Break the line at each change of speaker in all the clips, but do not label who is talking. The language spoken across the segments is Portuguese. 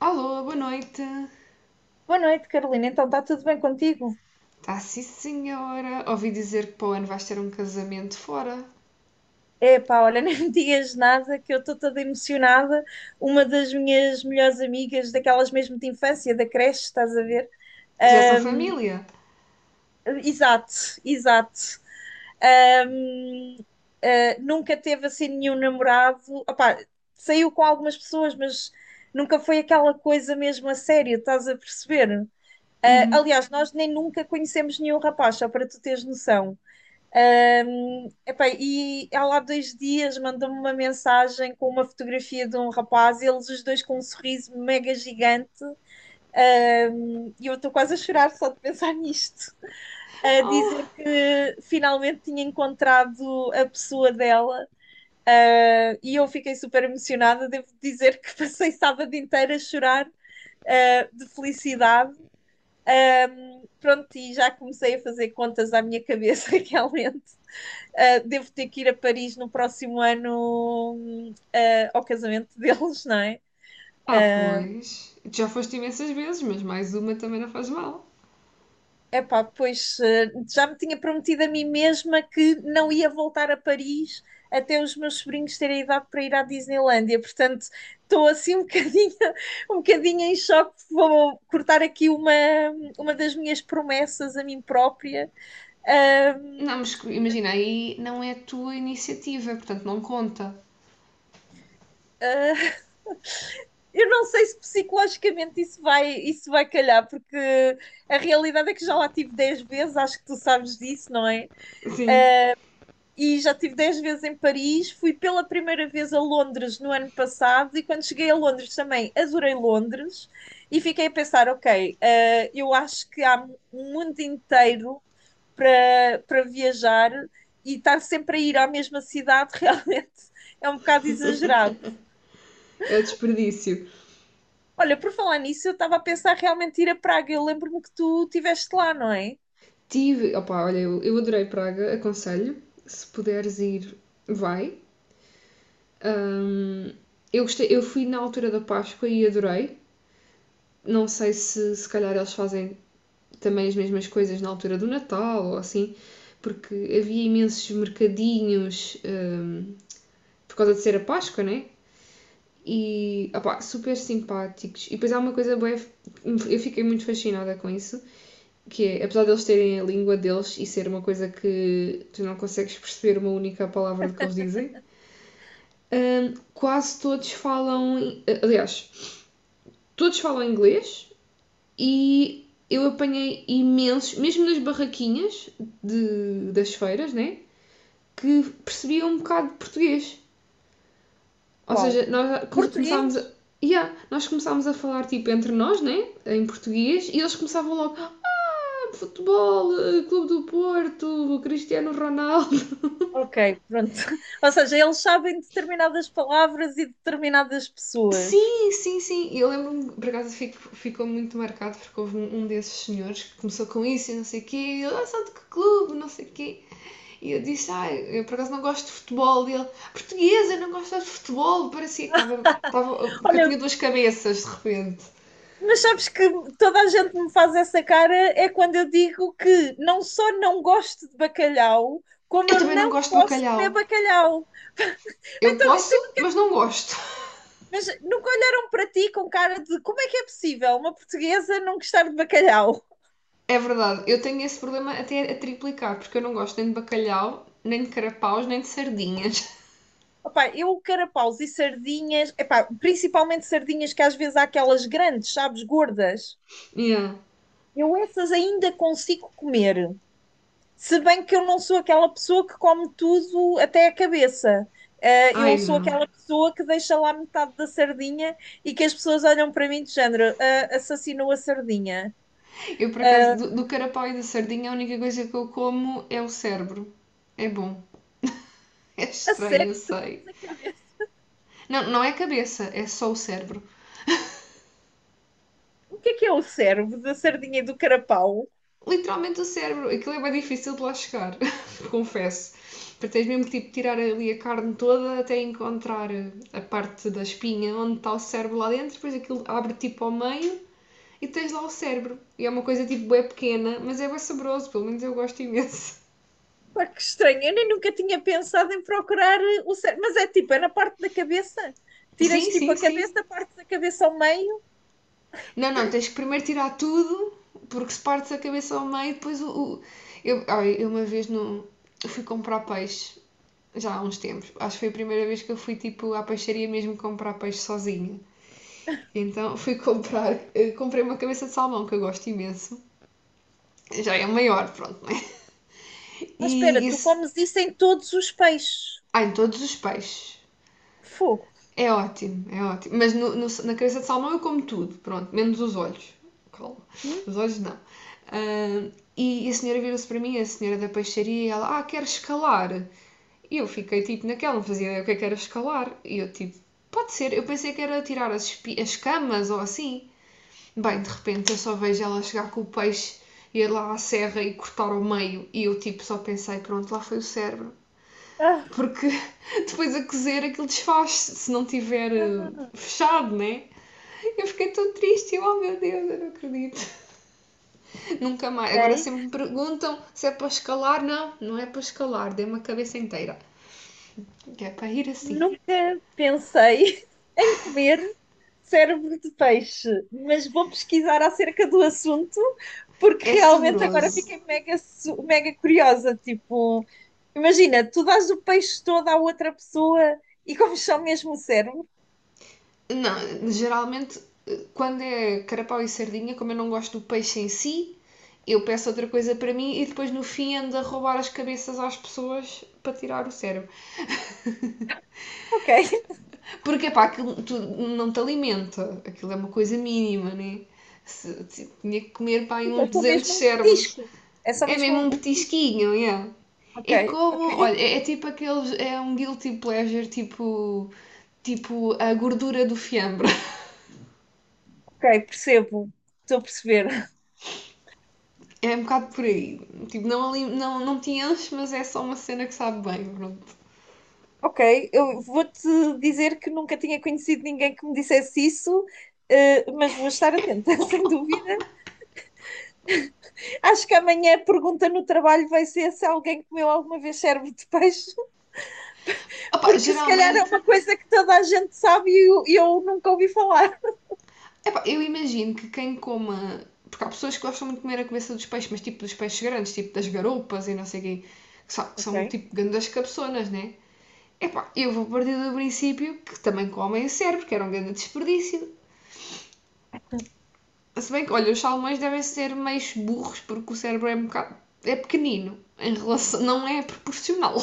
Alô, boa noite.
Boa noite, Carolina. Então, está tudo bem contigo?
Tá sim, senhora. Ouvi dizer que para o ano vais ter um casamento fora.
Epá, olha, nem me digas nada que eu estou toda emocionada. Uma das minhas melhores amigas, daquelas mesmo de infância, da creche, estás a ver?
Que já são
Ahm,
família.
Exato, exato. Ahm, Nunca teve assim nenhum namorado. Opá, saiu com algumas pessoas, mas nunca foi aquela coisa mesmo a sério, estás a perceber? Ah,
Uhum.
aliás, nós nem nunca conhecemos nenhum rapaz, só para tu teres noção. Epá, e ela há dois dias mandou-me uma mensagem com uma fotografia de um rapaz, eles os dois com um sorriso mega gigante, e eu estou quase a chorar só de pensar nisto, a
Oh.
dizer que finalmente tinha encontrado a pessoa dela, e eu fiquei super emocionada. Devo dizer que passei sábado inteiro a chorar, de felicidade. Pronto, e já comecei a fazer contas à minha cabeça realmente. Devo ter que ir a Paris no próximo ano, ao casamento deles, não é?
Ah, pois. Tu já foste imensas vezes, mas mais uma também não faz mal.
Epá, pois, já me tinha prometido a mim mesma que não ia voltar a Paris até os meus sobrinhos terem idade para ir à Disneylandia, portanto estou assim um bocadinho, um bocadinho em choque, vou cortar aqui uma das minhas promessas a mim própria. Uh,
Não, mas imagina, aí não é a tua iniciativa, portanto não conta.
uh, eu não sei se psicologicamente isso vai calhar, porque a realidade é que já lá tive 10 vezes, acho que tu sabes disso, não é?
Sim,
E já tive 10 vezes em Paris, fui pela primeira vez a Londres no ano passado e quando cheguei a Londres também adorei Londres e fiquei a pensar, ok, eu acho que há um mundo inteiro para viajar e estar sempre a ir à mesma cidade realmente é um bocado exagerado.
é desperdício.
Olha, por falar nisso, eu estava a pensar realmente ir a Praga. Eu lembro-me que tu estiveste lá, não é?
Tive. Opa, olha, eu adorei Praga, aconselho. Se puderes ir, vai. Ahm, eu gostei, eu fui na altura da Páscoa e adorei. Não sei se se calhar eles fazem também as mesmas coisas na altura do Natal ou assim, porque havia imensos mercadinhos por causa de ser a Páscoa, né? E opá, super simpáticos. E depois há uma coisa boa, eu fiquei muito fascinada com isso, que é, apesar de eles terem a língua deles e ser uma coisa que tu não consegues perceber uma única palavra do que eles dizem, quase todos falam. Aliás, todos falam inglês, e eu apanhei imensos, mesmo nas barraquinhas das feiras, né? Que percebiam um bocado de português. Ou
Qual?
seja, nós começámos a.
Português?
Yeah, nós começámos a falar tipo entre nós, né? Em português, e eles começavam logo. Ah, futebol, eh, Clube do Porto, Cristiano Ronaldo.
Ok, pronto. Ou seja, eles sabem determinadas palavras e determinadas pessoas.
Sim, sim, sim. E eu lembro-me, por acaso ficou muito marcado porque houve um desses senhores que começou com isso e não sei o quê. E ele, ah, são de que clube, não sei o quê. E eu disse, ah, eu por acaso não gosto de futebol. E ele, portuguesa, eu não gosto de futebol. Parecia que estava, que eu
Olha,
tinha duas cabeças de repente.
mas sabes que toda a gente me faz essa cara é quando eu digo que não só não gosto de bacalhau, como
Eu
eu
também não
não
gosto de
posso
bacalhau.
comer bacalhau.
Eu
Então,
posso,
tu,
mas não gosto.
mas nunca olharam para ti com cara de como é que é possível uma portuguesa não gostar de bacalhau?
É verdade, eu tenho esse problema até a triplicar, porque eu não gosto nem de bacalhau, nem de carapaus, nem de sardinhas.
Opá, eu carapaus e sardinhas, epá, principalmente sardinhas que às vezes há aquelas grandes, sabes, gordas.
Yeah.
Eu essas ainda consigo comer. Se bem que eu não sou aquela pessoa que come tudo até a cabeça. Ah, eu
Ai,
sou
não.
aquela pessoa que deixa lá metade da sardinha e que as pessoas olham para mim de género, "Ah, assassinou a sardinha."
Eu por acaso,
Ah,
do carapau e da sardinha, a única coisa que eu como é o cérebro. É bom. É
a
estranho, eu
sério, tu comes
sei.
a cabeça.
Não, não é cabeça, é só o cérebro.
O que é o cérebro da sardinha e do carapau?
Literalmente o cérebro. Aquilo é bem difícil de lá chegar, confesso. Porque tens mesmo que tipo, tirar ali a carne toda até encontrar a parte da espinha onde está o cérebro lá dentro, depois aquilo abre tipo ao meio e tens lá o cérebro. E é uma coisa tipo bem pequena, mas é bem saboroso, pelo menos eu gosto imenso.
Pá, que estranho. Eu nem nunca tinha pensado em procurar o cérebro. Mas é tipo, é na parte da cabeça. Tiras
Sim,
tipo
sim,
a
sim.
cabeça, partes a cabeça ao meio.
Não, não, tens que primeiro tirar tudo, porque se partes a cabeça ao meio, depois o. o- eu uma vez no, fui comprar peixe já há uns tempos. Acho que foi a primeira vez que eu fui tipo à peixaria mesmo comprar peixe sozinha. Então fui comprei uma cabeça de salmão que eu gosto imenso. Já é maior, pronto, né?
Ah, espera,
E
tu
isso,
comes isso em todos os peixes.
ah, em todos os peixes.
Fogo.
É ótimo, é ótimo. Mas na cabeça de salmão eu como tudo, pronto, menos os olhos. Calma,
Hum?
os olhos não. Ah, e a senhora virou-se para mim, a senhora da peixaria, e ela, ah, quer escalar? E eu fiquei tipo naquela, não fazia ideia o que é que era escalar. E eu tipo, pode ser, eu pensei que era tirar as camas ou assim. Bem, de repente eu só vejo ela chegar com o peixe, ir lá à serra e cortar ao meio. E eu tipo só pensei, pronto, lá foi o cérebro.
Ah,
Porque depois a cozer aquilo desfaz se não tiver
ah,
fechado, né? Eu fiquei tão triste, oh meu Deus, eu não acredito. Nunca mais. Agora
ok.
sempre me perguntam se é para escalar. Não, não é para escalar, dei uma cabeça inteira. Que é para ir assim.
Nunca pensei em comer cérebro de peixe, mas vou pesquisar acerca do assunto porque
É
realmente agora
saboroso.
fiquei mega, su- mega curiosa. Tipo, imagina, tu dás o peixe todo à outra pessoa e comes só mesmo o cérebro?
Não, geralmente quando é carapau e sardinha, como eu não gosto do peixe em si, eu peço outra coisa para mim e depois no fim ando a roubar as cabeças às pessoas para tirar o cérebro.
Ok.
Porque pá, aquilo tu, não te alimenta, aquilo é uma coisa mínima, né? Se, tinha que comer pá,
Tipo, é
uns
só
200
mesmo um
cérebros.
petisco. É só
É
mesmo
mesmo um
um petisco.
petisquinho, é? Yeah.
Ok,
É como,
ok,
olha, é tipo aqueles, é um guilty pleasure, tipo a gordura do fiambre.
ok, percebo. Estou a perceber.
É um bocado por aí. Tipo, não, não, não te enche, mas é só uma cena que sabe bem. Pronto.
Ok, eu vou-te dizer que nunca tinha conhecido ninguém que me dissesse isso, mas vou estar atenta, sem dúvida. Acho que amanhã a pergunta no trabalho vai ser se alguém comeu alguma vez cérebro de peixe,
Opa,
porque se calhar é
geralmente,
uma coisa que toda a gente sabe e eu nunca ouvi falar.
epá, eu imagino que quem coma. Porque há pessoas que gostam muito de comer a cabeça dos peixes, mas tipo dos peixes grandes, tipo das garoupas e não sei o quê, que são, que
Ok,
são tipo grandes cabeçonas, né? Epá, eu vou partir do princípio que também comem o cérebro, que era um grande desperdício. Se bem que, olha, os salmões devem ser meio burros, porque o cérebro é um bocado. É pequenino, em relação. Não é proporcional.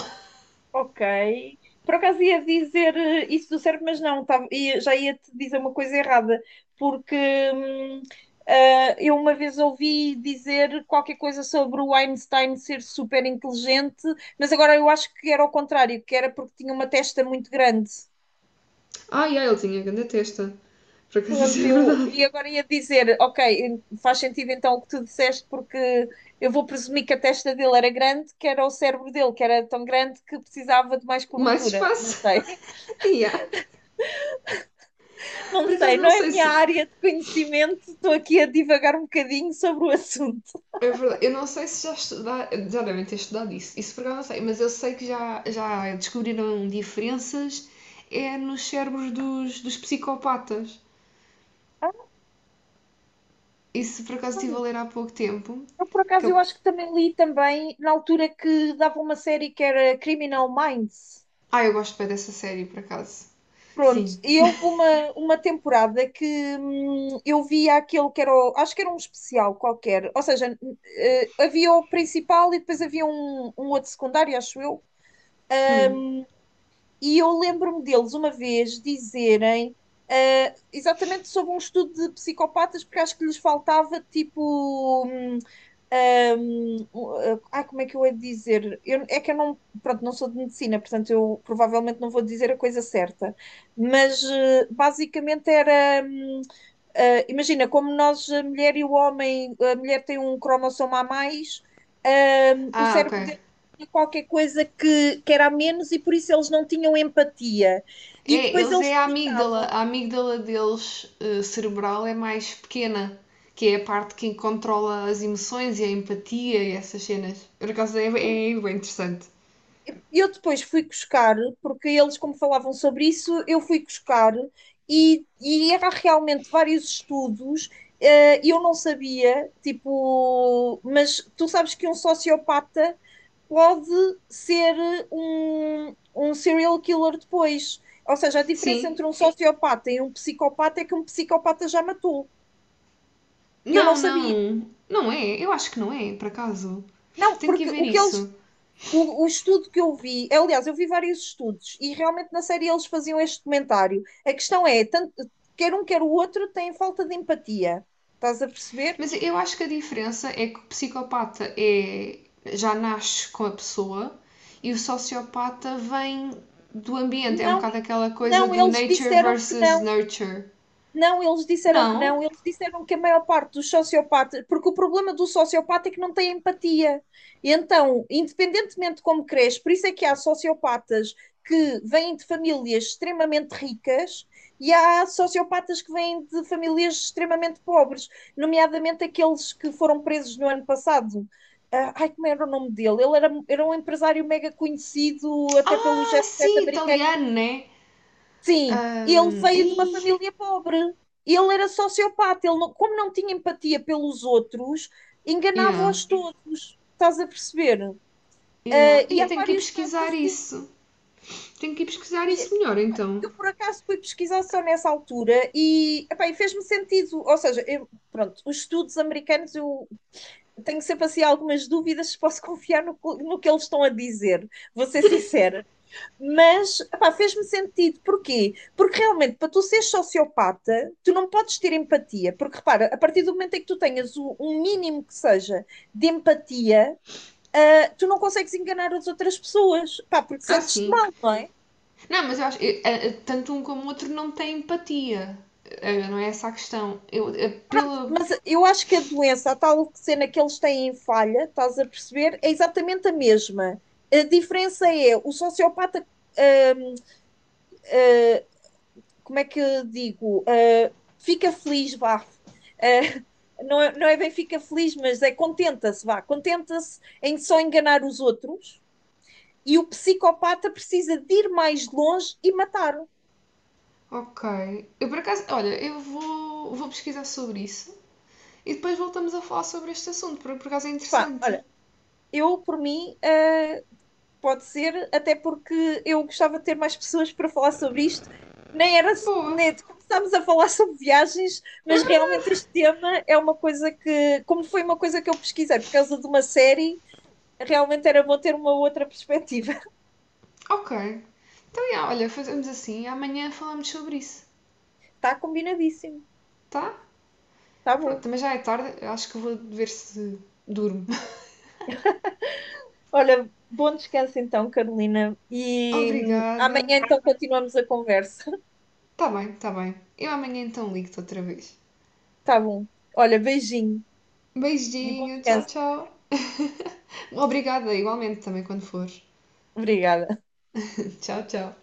ok. Por acaso ia dizer, isso do cérebro, mas não, já ia-te dizer uma coisa errada, porque hum, eu uma vez ouvi dizer qualquer coisa sobre o Einstein ser super inteligente, mas agora eu acho que era ao contrário, que era porque tinha uma testa muito grande.
Ai, ai, ele tinha grande testa. Por acaso isso
Pronto,
é
eu,
verdade.
e agora ia dizer, ok, faz sentido então o que tu disseste, porque eu vou presumir que a testa dele era grande, que era o cérebro dele, que era tão grande que precisava de mais
Mais
cobertura. Não
espaço.
sei,
yeah.
não
Por acaso
sei,
não
não é a
sei
minha
se.
área de conhecimento, estou aqui a divagar um bocadinho sobre o assunto.
É verdade. Eu não sei se já devem ter estudado isso. Isso por acaso não sei, mas eu sei que já descobriram diferenças é nos cérebros dos psicopatas.
Ah,
Isso por acaso estive a ler há pouco tempo.
eu, por
Que
acaso, eu
eu-
acho que também li também na altura que dava uma série que era Criminal Minds.
Ah, eu gosto bem dessa série, por acaso.
Pronto,
Sim.
e houve uma temporada que eu via aquele que era, acho que era um especial qualquer, ou seja, havia o principal e depois havia um, um outro secundário, acho eu.
Hum.
E eu lembro-me deles uma vez dizerem, ah, exatamente sobre um estudo de psicopatas, porque acho que lhes faltava tipo. Como é que eu hei de dizer? É que eu não, pronto, não sou de medicina, portanto eu provavelmente não vou dizer a coisa certa, mas basicamente era. Imagina, como nós, a mulher e o homem, a mulher tem um cromossomo a mais, o
Ah, ok.
cérebro deles tinha qualquer coisa que era a menos e por isso eles não tinham empatia. E
É,
depois
eles
eles
é a amígdala.
explicavam.
A amígdala deles, cerebral, é mais pequena, que é a parte que controla as emoções e a empatia e essas cenas. Por acaso é bem interessante.
Eu depois fui buscar, porque eles, como falavam sobre isso, eu fui buscar e era realmente vários estudos. E eu não sabia, tipo, mas tu sabes que um sociopata pode ser, um serial killer depois. Ou seja, a diferença
Sim.
entre um sociopata e um psicopata é que um psicopata já matou. Eu não
Não,
sabia.
não. Não é. Eu acho que não é, por acaso.
Não,
Tenho que
porque
ver
o que eles.
isso.
O estudo que eu vi, aliás, eu vi vários estudos e realmente na série eles faziam este comentário. A questão é, tanto, quer um quer o outro têm falta de empatia. Estás a perceber?
Mas eu acho que a diferença é que o psicopata já nasce com a pessoa e o sociopata vem do ambiente. É um
Não,
bocado aquela coisa
não,
do
eles
nature
disseram que
versus
não.
nurture.
Não, eles disseram que
Não?
não, eles disseram que a maior parte dos sociopatas, porque o problema do sociopata é que não tem empatia. E então, independentemente de como cresce, por isso é que há sociopatas que vêm de famílias extremamente ricas e há sociopatas que vêm de famílias extremamente pobres, nomeadamente aqueles que foram presos no ano passado. Ah, ai, como era o nome dele? Ele era um empresário mega conhecido, até pelo
Ah,
jet set
sim,
americano. E
italiano, né?
sim, ele veio de uma
Ai,
família pobre. Ele era sociopata. Ele não- Como não tinha empatia pelos outros,
yeah,
enganava-os todos. Estás a perceber? Ah,
yeah.
e
Eu
há
tenho que ir
vários casos
pesquisar
assim.
isso. Tenho que ir pesquisar
E
isso melhor, então.
eu, por acaso, fui pesquisar só nessa altura e, epá, e fez-me sentido. Ou seja, pronto, os estudos americanos, eu tenho sempre assim algumas dúvidas se posso confiar no, no que eles estão a dizer. Vou ser sincera. Mas, epá, fez-me sentido. Porquê? Porque realmente, para tu seres sociopata, tu não podes ter empatia. Porque, repara, a partir do momento em que tu tenhas um mínimo que seja de empatia, tu não consegues enganar as outras pessoas. Pá, porque
Ah,
sentes-te
sim.
mal, não é?
Não, mas eu acho. Tanto um como o outro não têm empatia. Não é essa a questão. Eu, pela.
Mas eu acho que a doença, a tal cena que eles têm em falha, estás a perceber, é exatamente a mesma. A diferença é o sociopata, hum, como é que eu digo? Fica feliz, vá. Não, é, não é bem fica feliz, mas é contenta-se, vá. Contenta-se em só enganar os outros e o psicopata precisa de ir mais longe e matar-o.
Ok. Eu por acaso. Olha, eu vou pesquisar sobre isso. E depois voltamos a falar sobre este assunto, porque por acaso é
Pá,
interessante.
olha, eu, por mim, pode ser, até porque eu gostava de ter mais pessoas para falar sobre isto. Nem era.
Boa.
Nem, começámos a falar sobre viagens, mas realmente este tema é uma coisa que. Como foi uma coisa que eu pesquisei por causa de uma série, realmente era bom ter uma outra perspectiva.
Ok. Então, yeah, olha, fazemos assim. Amanhã falamos sobre isso,
Está combinadíssimo,
tá?
está
Pronto,
bom.
também já é tarde, eu acho que vou ver se durmo.
Olha, bom descanso então, Carolina, e
Obrigada.
amanhã então continuamos a conversa.
Tá bem, tá bem. Eu amanhã então ligo-te outra vez.
Está bom. Olha, beijinho e bom
Beijinho, tchau,
descanso.
tchau. Obrigada, igualmente também quando fores.
Obrigada.
Tchau, tchau.